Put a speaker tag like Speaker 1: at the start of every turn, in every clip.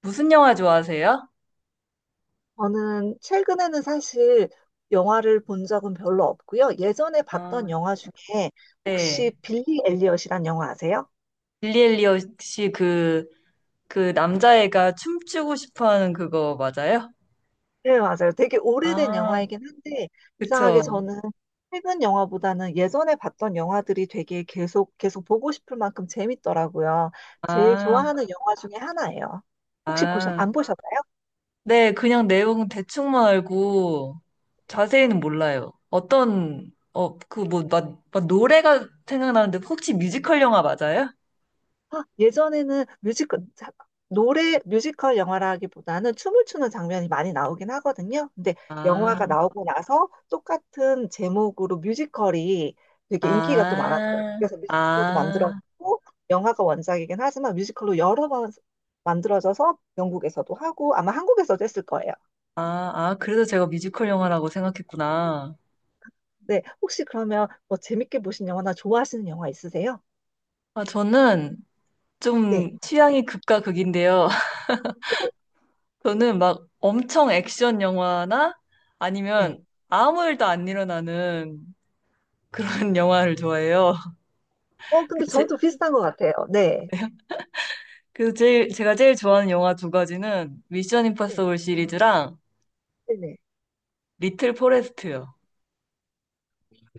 Speaker 1: 무슨 영화 좋아하세요?
Speaker 2: 저는 최근에는 사실 영화를 본 적은 별로 없고요. 예전에 봤던
Speaker 1: 아,
Speaker 2: 영화 중에 혹시
Speaker 1: 네.
Speaker 2: 빌리 엘리엇이란 영화 아세요?
Speaker 1: 빌리 엘리엇 씨그, 그그 남자애가 춤추고 싶어 하는 그거 맞아요?
Speaker 2: 네, 맞아요. 되게 오래된
Speaker 1: 아,
Speaker 2: 영화이긴 한데 이상하게
Speaker 1: 그쵸.
Speaker 2: 저는 최근 영화보다는 예전에 봤던 영화들이 되게 계속 보고 싶을 만큼 재밌더라고요. 제일
Speaker 1: 아,
Speaker 2: 좋아하는 영화 중에 하나예요. 혹시 보셨
Speaker 1: 아.
Speaker 2: 안 보셨나요?
Speaker 1: 네, 그냥 내용 대충만 알고 자세히는 몰라요. 어떤, 그 뭐, 막 노래가 생각나는데 혹시 뮤지컬 영화 맞아요?
Speaker 2: 아, 예전에는 뮤지컬, 노래, 뮤지컬 영화라기보다는 춤을 추는 장면이 많이 나오긴 하거든요. 근데 영화가
Speaker 1: 아,
Speaker 2: 나오고 나서 똑같은 제목으로 뮤지컬이 되게 인기가 또 많았어요.
Speaker 1: 아,
Speaker 2: 그래서 뮤지컬도
Speaker 1: 아,
Speaker 2: 만들었고, 영화가 원작이긴 하지만 뮤지컬로 여러 번 만들어져서 영국에서도 하고, 아마 한국에서도 했을 거예요.
Speaker 1: 아, 아, 그래서 제가 뮤지컬 영화라고 생각했구나.
Speaker 2: 네, 혹시 그러면 뭐 재밌게 보신 영화나 좋아하시는 영화 있으세요?
Speaker 1: 아, 저는
Speaker 2: 네.
Speaker 1: 좀 취향이 극과 극인데요.
Speaker 2: 네.
Speaker 1: 저는 막 엄청 액션 영화나
Speaker 2: 네.
Speaker 1: 아니면 아무 일도 안 일어나는 그런 영화를 좋아해요.
Speaker 2: 근데
Speaker 1: 제,
Speaker 2: 저도 비슷한 것 같아요. 네.
Speaker 1: 제가 제일 좋아하는 영화 두 가지는 미션
Speaker 2: 네.
Speaker 1: 임파서블 시리즈랑
Speaker 2: 네. 네.
Speaker 1: 리틀 포레스트요.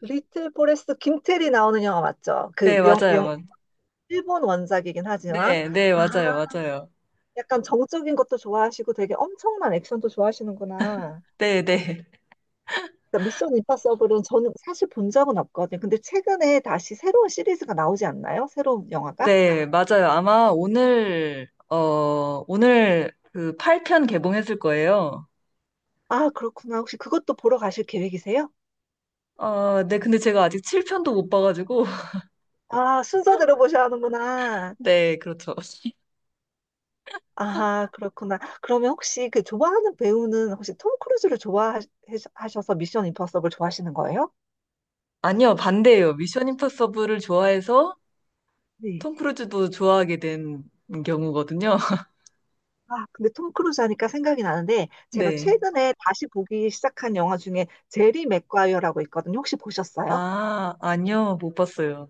Speaker 2: 리틀 포레스트 김태리 나오는 영화 맞죠? 그
Speaker 1: 네, 맞아요.
Speaker 2: 일본 원작이긴 하지만
Speaker 1: 네, 네,
Speaker 2: 아
Speaker 1: 맞아요. 맞아요.
Speaker 2: 약간 정적인 것도 좋아하시고 되게 엄청난 액션도 좋아하시는구나.
Speaker 1: 네, 네.
Speaker 2: 그러니까 미션 임파서블은 저는 사실 본 적은 없거든요. 근데 최근에 다시 새로운 시리즈가 나오지 않나요? 새로운 영화가?
Speaker 1: 네, 맞아요. 아마 오늘 그 8편 개봉했을 거예요.
Speaker 2: 아 그렇구나. 혹시 그것도 보러 가실 계획이세요?
Speaker 1: 어, 네, 근데 제가 아직 7편도 못 봐가지고
Speaker 2: 아 순서대로 보셔야 하는구나.
Speaker 1: 네, 그렇죠.
Speaker 2: 아 그렇구나. 그러면 혹시 그 좋아하는 배우는 혹시 톰 크루즈를 좋아하셔서 미션 임파서블 좋아하시는 거예요?
Speaker 1: 아니요, 반대예요. 미션 임파서블을 좋아해서
Speaker 2: 네.
Speaker 1: 톰 크루즈도 좋아하게 된 경우거든요.
Speaker 2: 아, 근데 톰 크루즈 하니까 생각이 나는데 제가
Speaker 1: 네.
Speaker 2: 최근에 다시 보기 시작한 영화 중에 제리 맥과이어라고 있거든요. 혹시 보셨어요?
Speaker 1: 아, 아니요, 못 봤어요.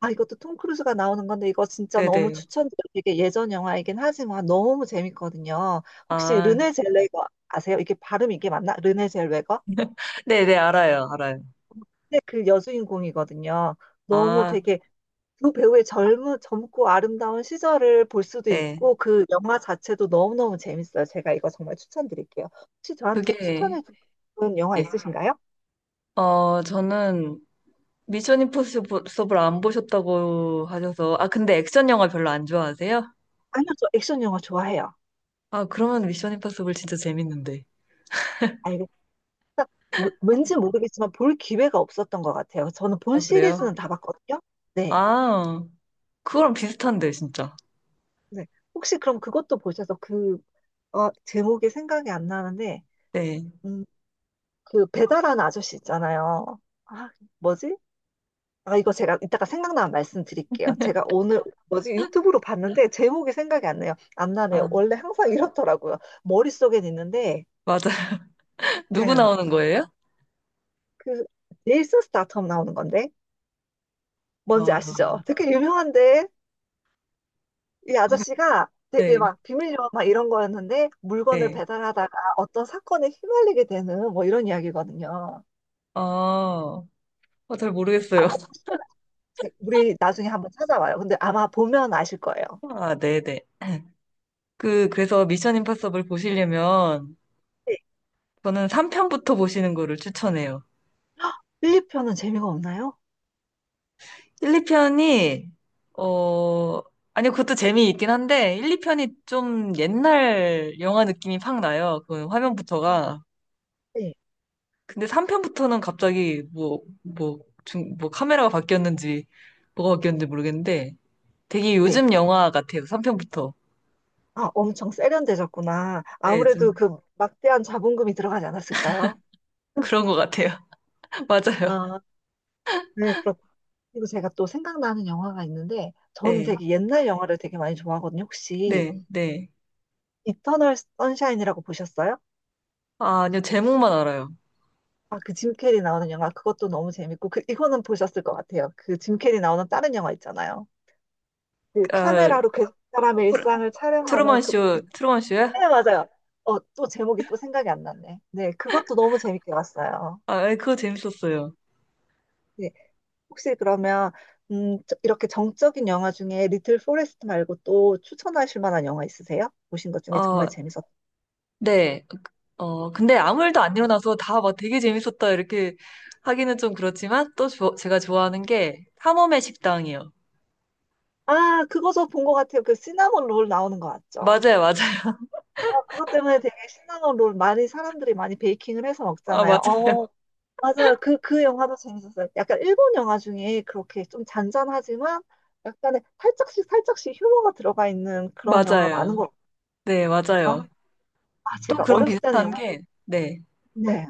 Speaker 2: 아, 이것도 톰 크루즈가 나오는 건데 이거 진짜 너무
Speaker 1: 네네.
Speaker 2: 추천드려요. 되게 예전 영화이긴 하지만 너무 재밌거든요. 혹시
Speaker 1: 아,
Speaker 2: 르네 젤웨거 아세요? 이게 발음 이게 맞나? 르네 젤웨거?
Speaker 1: 네네, 알아요, 알아요.
Speaker 2: 근데 그 여주인공이거든요. 너무
Speaker 1: 아,
Speaker 2: 되게 두 배우의 젊은, 젊고 아름다운 시절을 볼 수도
Speaker 1: 네.
Speaker 2: 있고, 그 영화 자체도 너무너무 재밌어요. 제가 이거 정말 추천드릴게요. 혹시 저한테
Speaker 1: 그게,
Speaker 2: 추천해 주는 영화
Speaker 1: 네.
Speaker 2: 있으신가요?
Speaker 1: 어, 저는 미션 임파서블 안 보셨다고 하셔서, 아, 근데 액션 영화 별로 안 좋아하세요?
Speaker 2: 아니요, 저 액션 영화 좋아해요.
Speaker 1: 아, 그러면 미션 임파서블 진짜 재밌는데.
Speaker 2: 알겠어요. 왠지 모르겠지만 볼 기회가 없었던 것 같아요. 저는
Speaker 1: 아,
Speaker 2: 본
Speaker 1: 그래요?
Speaker 2: 시리즈는 다 봤거든요. 네.
Speaker 1: 아, 그거랑 비슷한데, 진짜.
Speaker 2: 네. 혹시 그럼 그것도 보셔서 그, 제목이 생각이 안 나는데,
Speaker 1: 네.
Speaker 2: 음, 그 배달하는 아저씨 있잖아요. 아, 뭐지? 아, 이거 제가 이따가 생각나면 말씀드릴게요. 제가 오늘 뭐지 유튜브로 봤는데 제목이 생각이 안 나요. 안 나네요.
Speaker 1: 아,
Speaker 2: 원래 항상 이렇더라고요. 머릿속엔 있는데,
Speaker 1: 맞아요.
Speaker 2: 네,
Speaker 1: 누구 나오는 거예요?
Speaker 2: 그 제이슨 스타텀 나오는 건데 뭔지
Speaker 1: 어,
Speaker 2: 아시죠? 되게 유명한데 이
Speaker 1: 아니,
Speaker 2: 아저씨가 되게
Speaker 1: 네,
Speaker 2: 막 비밀요원 막 이런 거였는데 물건을
Speaker 1: 네.
Speaker 2: 배달하다가 어떤 사건에 휘말리게 되는 뭐 이런 이야기거든요.
Speaker 1: 아, 잘 모르겠어요.
Speaker 2: 아마 보시면 아, 우리 나중에 한번 찾아봐요. 근데 아마 보면 아실 거예요.
Speaker 1: 아, 네네. 그래서 미션 임파서블 보시려면
Speaker 2: 네.
Speaker 1: 저는 3편부터 보시는 거를 추천해요.
Speaker 2: 1, 2편은 재미가 없나요?
Speaker 1: 1, 2편이, 어, 아니, 그것도 재미있긴 한데, 1, 2편이 좀 옛날 영화 느낌이 팍 나요. 그 화면부터가.
Speaker 2: 네.
Speaker 1: 근데 3편부터는 갑자기 뭐, 뭐, 뭐 카메라가 바뀌었는지, 뭐가 바뀌었는지 모르겠는데, 되게
Speaker 2: 네.
Speaker 1: 요즘 영화 같아요. 3편부터.
Speaker 2: 아, 엄청 세련되셨구나.
Speaker 1: 네, 좀
Speaker 2: 아무래도 그 막대한 자본금이 들어가지 않았을까요?
Speaker 1: 그런 것 같아요. 맞아요.
Speaker 2: 아, 네, 그렇고. 그리고 제가 또 생각나는 영화가 있는데, 저는
Speaker 1: 네,
Speaker 2: 되게 옛날 영화를 되게 많이 좋아하거든요. 혹시
Speaker 1: 네, 네.
Speaker 2: 이터널 선샤인이라고 보셨어요?
Speaker 1: 아, 아니요, 제목만 알아요.
Speaker 2: 아, 그 짐 캐리 나오는 영화, 그것도 너무 재밌고, 그, 이거는 보셨을 것 같아요. 그 짐 캐리 나오는 다른 영화 있잖아요. 그
Speaker 1: 아,
Speaker 2: 카메라로 그 사람의
Speaker 1: 트루-
Speaker 2: 일상을 촬영하는
Speaker 1: 트루먼
Speaker 2: 그,
Speaker 1: 쇼, 트루먼 쇼야?
Speaker 2: 네, 맞아요. 또 제목이 또 생각이 안 났네. 네, 그것도 너무 재밌게 봤어요.
Speaker 1: 아, 네, 그거 재밌었어요.
Speaker 2: 네. 혹시 그러면 이렇게 정적인 영화 중에 리틀 포레스트 말고 또 추천하실 만한 영화 있으세요? 보신 것 중에 정말
Speaker 1: 어,
Speaker 2: 재밌었.
Speaker 1: 네. 어, 근데 아무 일도 안 일어나서 다 막 되게 재밌었다 이렇게 하기는 좀 그렇지만 또 제가 좋아하는 게 탐험의 식당이요.
Speaker 2: 아, 그거 저 본 것 같아요. 그 시나몬 롤 나오는 거 맞죠?
Speaker 1: 맞아요, 맞아요.
Speaker 2: 아, 그것 때문에 되게 시나몬 롤 많이 사람들이 많이 베이킹을 해서
Speaker 1: 아, 맞아요.
Speaker 2: 먹잖아요. 어, 맞아요. 그 영화도 재밌었어요. 약간 일본 영화 중에 그렇게 좀 잔잔하지만 약간의 살짝씩 휴머가 들어가 있는 그런 영화가 많은
Speaker 1: 맞아요.
Speaker 2: 것
Speaker 1: 네,
Speaker 2: 같아요.
Speaker 1: 맞아요.
Speaker 2: 아, 아,
Speaker 1: 또
Speaker 2: 제가
Speaker 1: 그런
Speaker 2: 어렸을 때는
Speaker 1: 비슷한 게,
Speaker 2: 영화를,
Speaker 1: 네,
Speaker 2: 네.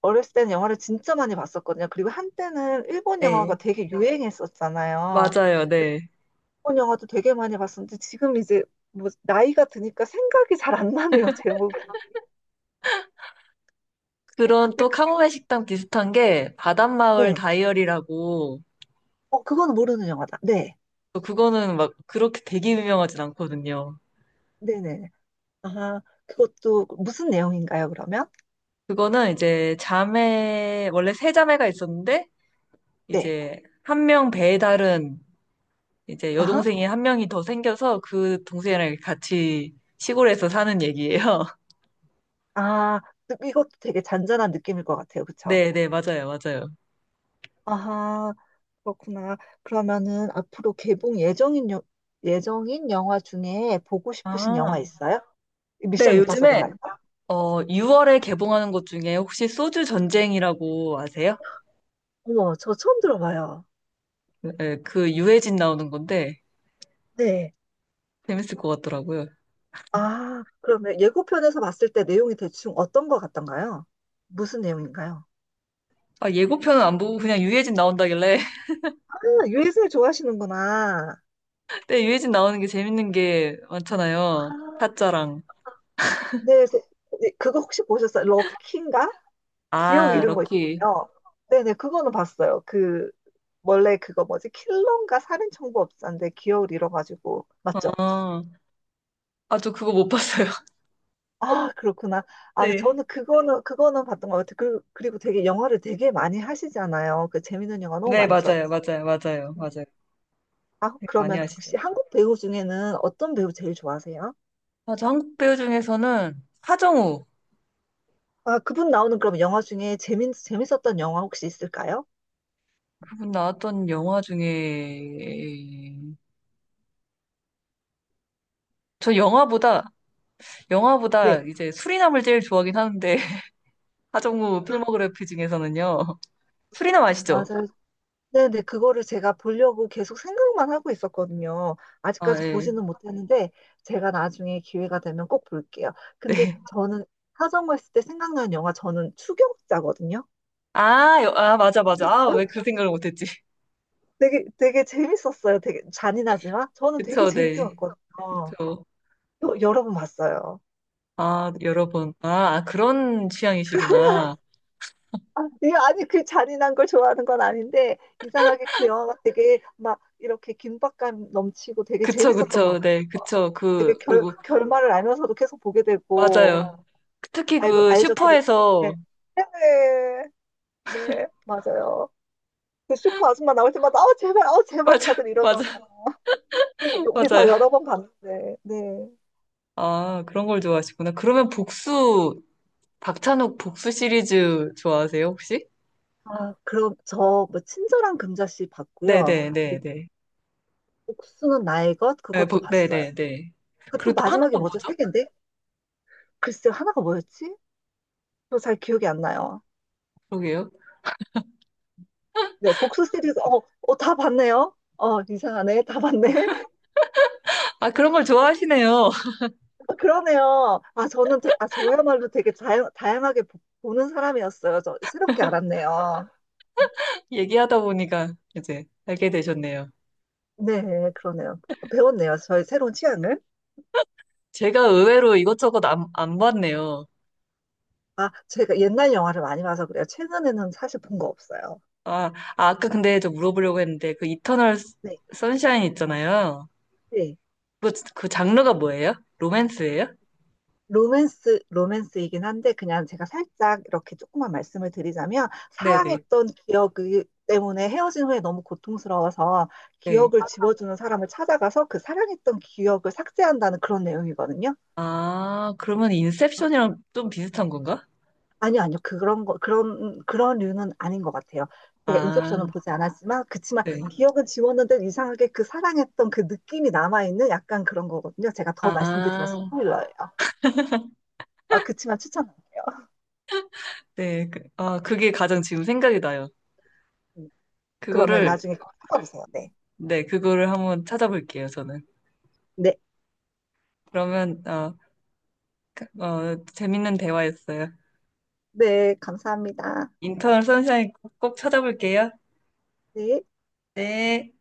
Speaker 2: 어렸을 때는 영화를 진짜 많이 봤었거든요. 그리고 한때는 일본
Speaker 1: 네.
Speaker 2: 영화가 되게 유행했었잖아요.
Speaker 1: 맞아요,
Speaker 2: 그래서
Speaker 1: 네.
Speaker 2: 일본 영화도 되게 많이 봤었는데 지금 이제 뭐 나이가 드니까 생각이 잘 안 나네요, 제목이.
Speaker 1: 그런
Speaker 2: 근데
Speaker 1: 또
Speaker 2: 그-
Speaker 1: 카모메 식당 비슷한 게 바닷마을
Speaker 2: 네.
Speaker 1: 다이어리라고
Speaker 2: 어, 그건 모르는 영화다. 네.
Speaker 1: 또 그거는 막 그렇게 되게 유명하진 않거든요.
Speaker 2: 네네. 아, 그것도 무슨 내용인가요, 그러면?
Speaker 1: 그거는 이제 자매 원래 세 자매가 있었는데
Speaker 2: 네.
Speaker 1: 이제 한 명 배에 다른 이제
Speaker 2: 아하.
Speaker 1: 여동생이 한 명이 더 생겨서 그 동생이랑 같이 시골에서 사는 얘기예요.
Speaker 2: 아, 이것도 되게 잔잔한 느낌일 것 같아요. 그쵸?
Speaker 1: 네, 네, 맞아요, 맞아요.
Speaker 2: 아하. 그렇구나. 그러면은 앞으로 개봉 예정인, 예정인 영화 중에 보고 싶으신
Speaker 1: 아,
Speaker 2: 영화 있어요?
Speaker 1: 네,
Speaker 2: 미션 임파서블
Speaker 1: 요즘에
Speaker 2: 말고.
Speaker 1: 6월에
Speaker 2: 네.
Speaker 1: 개봉하는 것 중에 혹시 소주 전쟁이라고 아세요?
Speaker 2: 어머, 저 처음 들어봐요.
Speaker 1: 네, 그 유해진 나오는 건데
Speaker 2: 네.
Speaker 1: 재밌을 것 같더라고요.
Speaker 2: 아, 그러면 예고편에서 봤을 때 내용이 대충 어떤 것 같던가요? 무슨 내용인가요?
Speaker 1: 아, 예고편은 안 보고 그냥 유해진 나온다길래.
Speaker 2: 아, 유해승 좋아하시는구나.
Speaker 1: 근데 유해진 나오는 게 재밌는 게 많잖아요.
Speaker 2: 아,
Speaker 1: 타짜랑.
Speaker 2: 네, 네, 그거 혹시 보셨어요? 럭키인가? 기억
Speaker 1: 아,
Speaker 2: 잃은 거
Speaker 1: 럭키.
Speaker 2: 있잖아요. 네네, 그거는 봤어요. 그 원래 그거 뭐지? 킬러인가 살인청부업자인데 기억을 잃어가지고 맞죠?
Speaker 1: 어. 아, 저 그거 못 봤어요.
Speaker 2: 아 그렇구나. 아
Speaker 1: 네.
Speaker 2: 저는 그거는 봤던 것 같아요. 그, 그리고 되게 영화를 되게 많이 하시잖아요. 그 재밌는 영화 너무
Speaker 1: 네,
Speaker 2: 많죠.
Speaker 1: 맞아요. 맞아요. 맞아요. 맞아요.
Speaker 2: 아
Speaker 1: 네, 많이
Speaker 2: 그러면
Speaker 1: 아시죠?
Speaker 2: 혹시 한국 배우 중에는 어떤 배우 제일 좋아하세요?
Speaker 1: 아, 저 한국 배우 중에서는 하정우.
Speaker 2: 아 그분 나오는 그럼 영화 중에 재밌었던 영화 혹시 있을까요?
Speaker 1: 그분 나왔던 영화 중에 저 영화보다
Speaker 2: 네.
Speaker 1: 이제 수리남을 제일 좋아하긴 하는데 하정우
Speaker 2: 아
Speaker 1: 필모그래피 중에서는요. 수리남 아시죠?
Speaker 2: 맞아요. 네네, 그거를 제가 보려고 계속 생각만 하고 있었거든요.
Speaker 1: 아,
Speaker 2: 아직까지
Speaker 1: 예.
Speaker 2: 보지는 못했는데, 제가 나중에 기회가 되면 꼭 볼게요. 근데
Speaker 1: 네.
Speaker 2: 저는 하정우했을 때 생각나는 영화, 저는 추격자거든요.
Speaker 1: 아, 아, 맞아, 맞아. 아, 왜 그 생각을 못했지?
Speaker 2: 되게 재밌었어요. 되게 잔인하지만, 저는 되게
Speaker 1: 그쵸,
Speaker 2: 재밌게
Speaker 1: 네.
Speaker 2: 봤거든요.
Speaker 1: 그쵸.
Speaker 2: 여러 번 봤어요.
Speaker 1: 아, 여러 번. 아, 아, 그런 취향이시구나.
Speaker 2: 아, 예, 아니, 그 잔인한 걸 좋아하는 건 아닌데, 이상하게 그 영화가 되게 막 이렇게 긴박감 넘치고 되게
Speaker 1: 그쵸,
Speaker 2: 재밌었던 것
Speaker 1: 그쵸,
Speaker 2: 같아요.
Speaker 1: 네, 그쵸.
Speaker 2: 되게
Speaker 1: 그, 그리고,
Speaker 2: 결말을 알면서도 계속 보게 되고,
Speaker 1: 맞아요. 특히
Speaker 2: 알고,
Speaker 1: 그
Speaker 2: 알죠. 그,
Speaker 1: 슈퍼에서,
Speaker 2: 네. 네네. 네, 맞아요. 그 슈퍼 아줌마 나올 때마다, 제발, 제발
Speaker 1: 맞아,
Speaker 2: 다들 이러잖아.
Speaker 1: 맞아,
Speaker 2: 그래서 우리 다
Speaker 1: 맞아요.
Speaker 2: 여러 번 봤는데, 네.
Speaker 1: 아, 그런 걸 좋아하시구나. 그러면 복수, 박찬욱 복수 시리즈 좋아하세요, 혹시?
Speaker 2: 아, 그럼 저 뭐 친절한 금자씨 봤고요.
Speaker 1: 네네네네. 네,
Speaker 2: 그리고
Speaker 1: 네,
Speaker 2: 복수는 나의 것
Speaker 1: 네. 아,
Speaker 2: 그것도
Speaker 1: 복,
Speaker 2: 봤어요.
Speaker 1: 네네네.
Speaker 2: 그 네. 또
Speaker 1: 그리고 또
Speaker 2: 마지막에
Speaker 1: 하나가
Speaker 2: 뭐죠? 세
Speaker 1: 뭐죠?
Speaker 2: 개인데? 글쎄요, 하나가 뭐였지? 저 잘 기억이 안 나요.
Speaker 1: 그러게요.
Speaker 2: 네, 복수 시리즈, 다 봤네요. 이상하네. 다 봤네.
Speaker 1: 아, 그런 걸 좋아하시네요.
Speaker 2: 아, 그러네요. 아, 저는, 아, 저야말로 되게 다양하게 보는 사람이었어요. 저 새롭게 알았네요.
Speaker 1: 얘기하다 보니까 이제 알게 되셨네요.
Speaker 2: 네, 그러네요. 배웠네요. 저의 새로운 취향을.
Speaker 1: 제가 의외로 이것저것 안 봤네요.
Speaker 2: 아, 제가 옛날 영화를 많이 봐서 그래요. 최근에는 사실 본 거 없어요.
Speaker 1: 아, 아, 아까 근데 저 물어보려고 했는데 그 이터널
Speaker 2: 네,
Speaker 1: 선샤인 있잖아요.
Speaker 2: 네.
Speaker 1: 그 장르가 뭐예요? 로맨스예요?
Speaker 2: 로맨스이긴 한데, 그냥 제가 살짝 이렇게 조금만 말씀을 드리자면,
Speaker 1: 네네.
Speaker 2: 사랑했던 기억 때문에 헤어진 후에 너무 고통스러워서
Speaker 1: 네.
Speaker 2: 기억을 지워주는 사람을 찾아가서 그 사랑했던 기억을 삭제한다는 그런 내용이거든요.
Speaker 1: 아, 그러면 인셉션이랑 좀 비슷한 건가?
Speaker 2: 아니요, 아니요. 그런 류는 아닌 것 같아요. 제가
Speaker 1: 아,
Speaker 2: 인셉션은 보지 않았지만, 그치만
Speaker 1: 네.
Speaker 2: 기억은 지웠는데 이상하게 그 사랑했던 그 느낌이 남아있는 약간 그런 거거든요. 제가 더 말씀드리면
Speaker 1: 아,
Speaker 2: 스포일러예요. 아, 그치만 추천할게요.
Speaker 1: 네. 그, 아, 그게 가장 지금 생각이 나요.
Speaker 2: 음, 그러면
Speaker 1: 그거를,
Speaker 2: 나중에 꼭 찾아보세요. 네.
Speaker 1: 네, 그거를 한번 찾아볼게요, 저는.
Speaker 2: 네.
Speaker 1: 그러면, 어, 그, 어, 재밌는 대화였어요.
Speaker 2: 네. 감사합니다.
Speaker 1: 인턴 선샤인 꼭 찾아볼게요.
Speaker 2: 네.
Speaker 1: 네.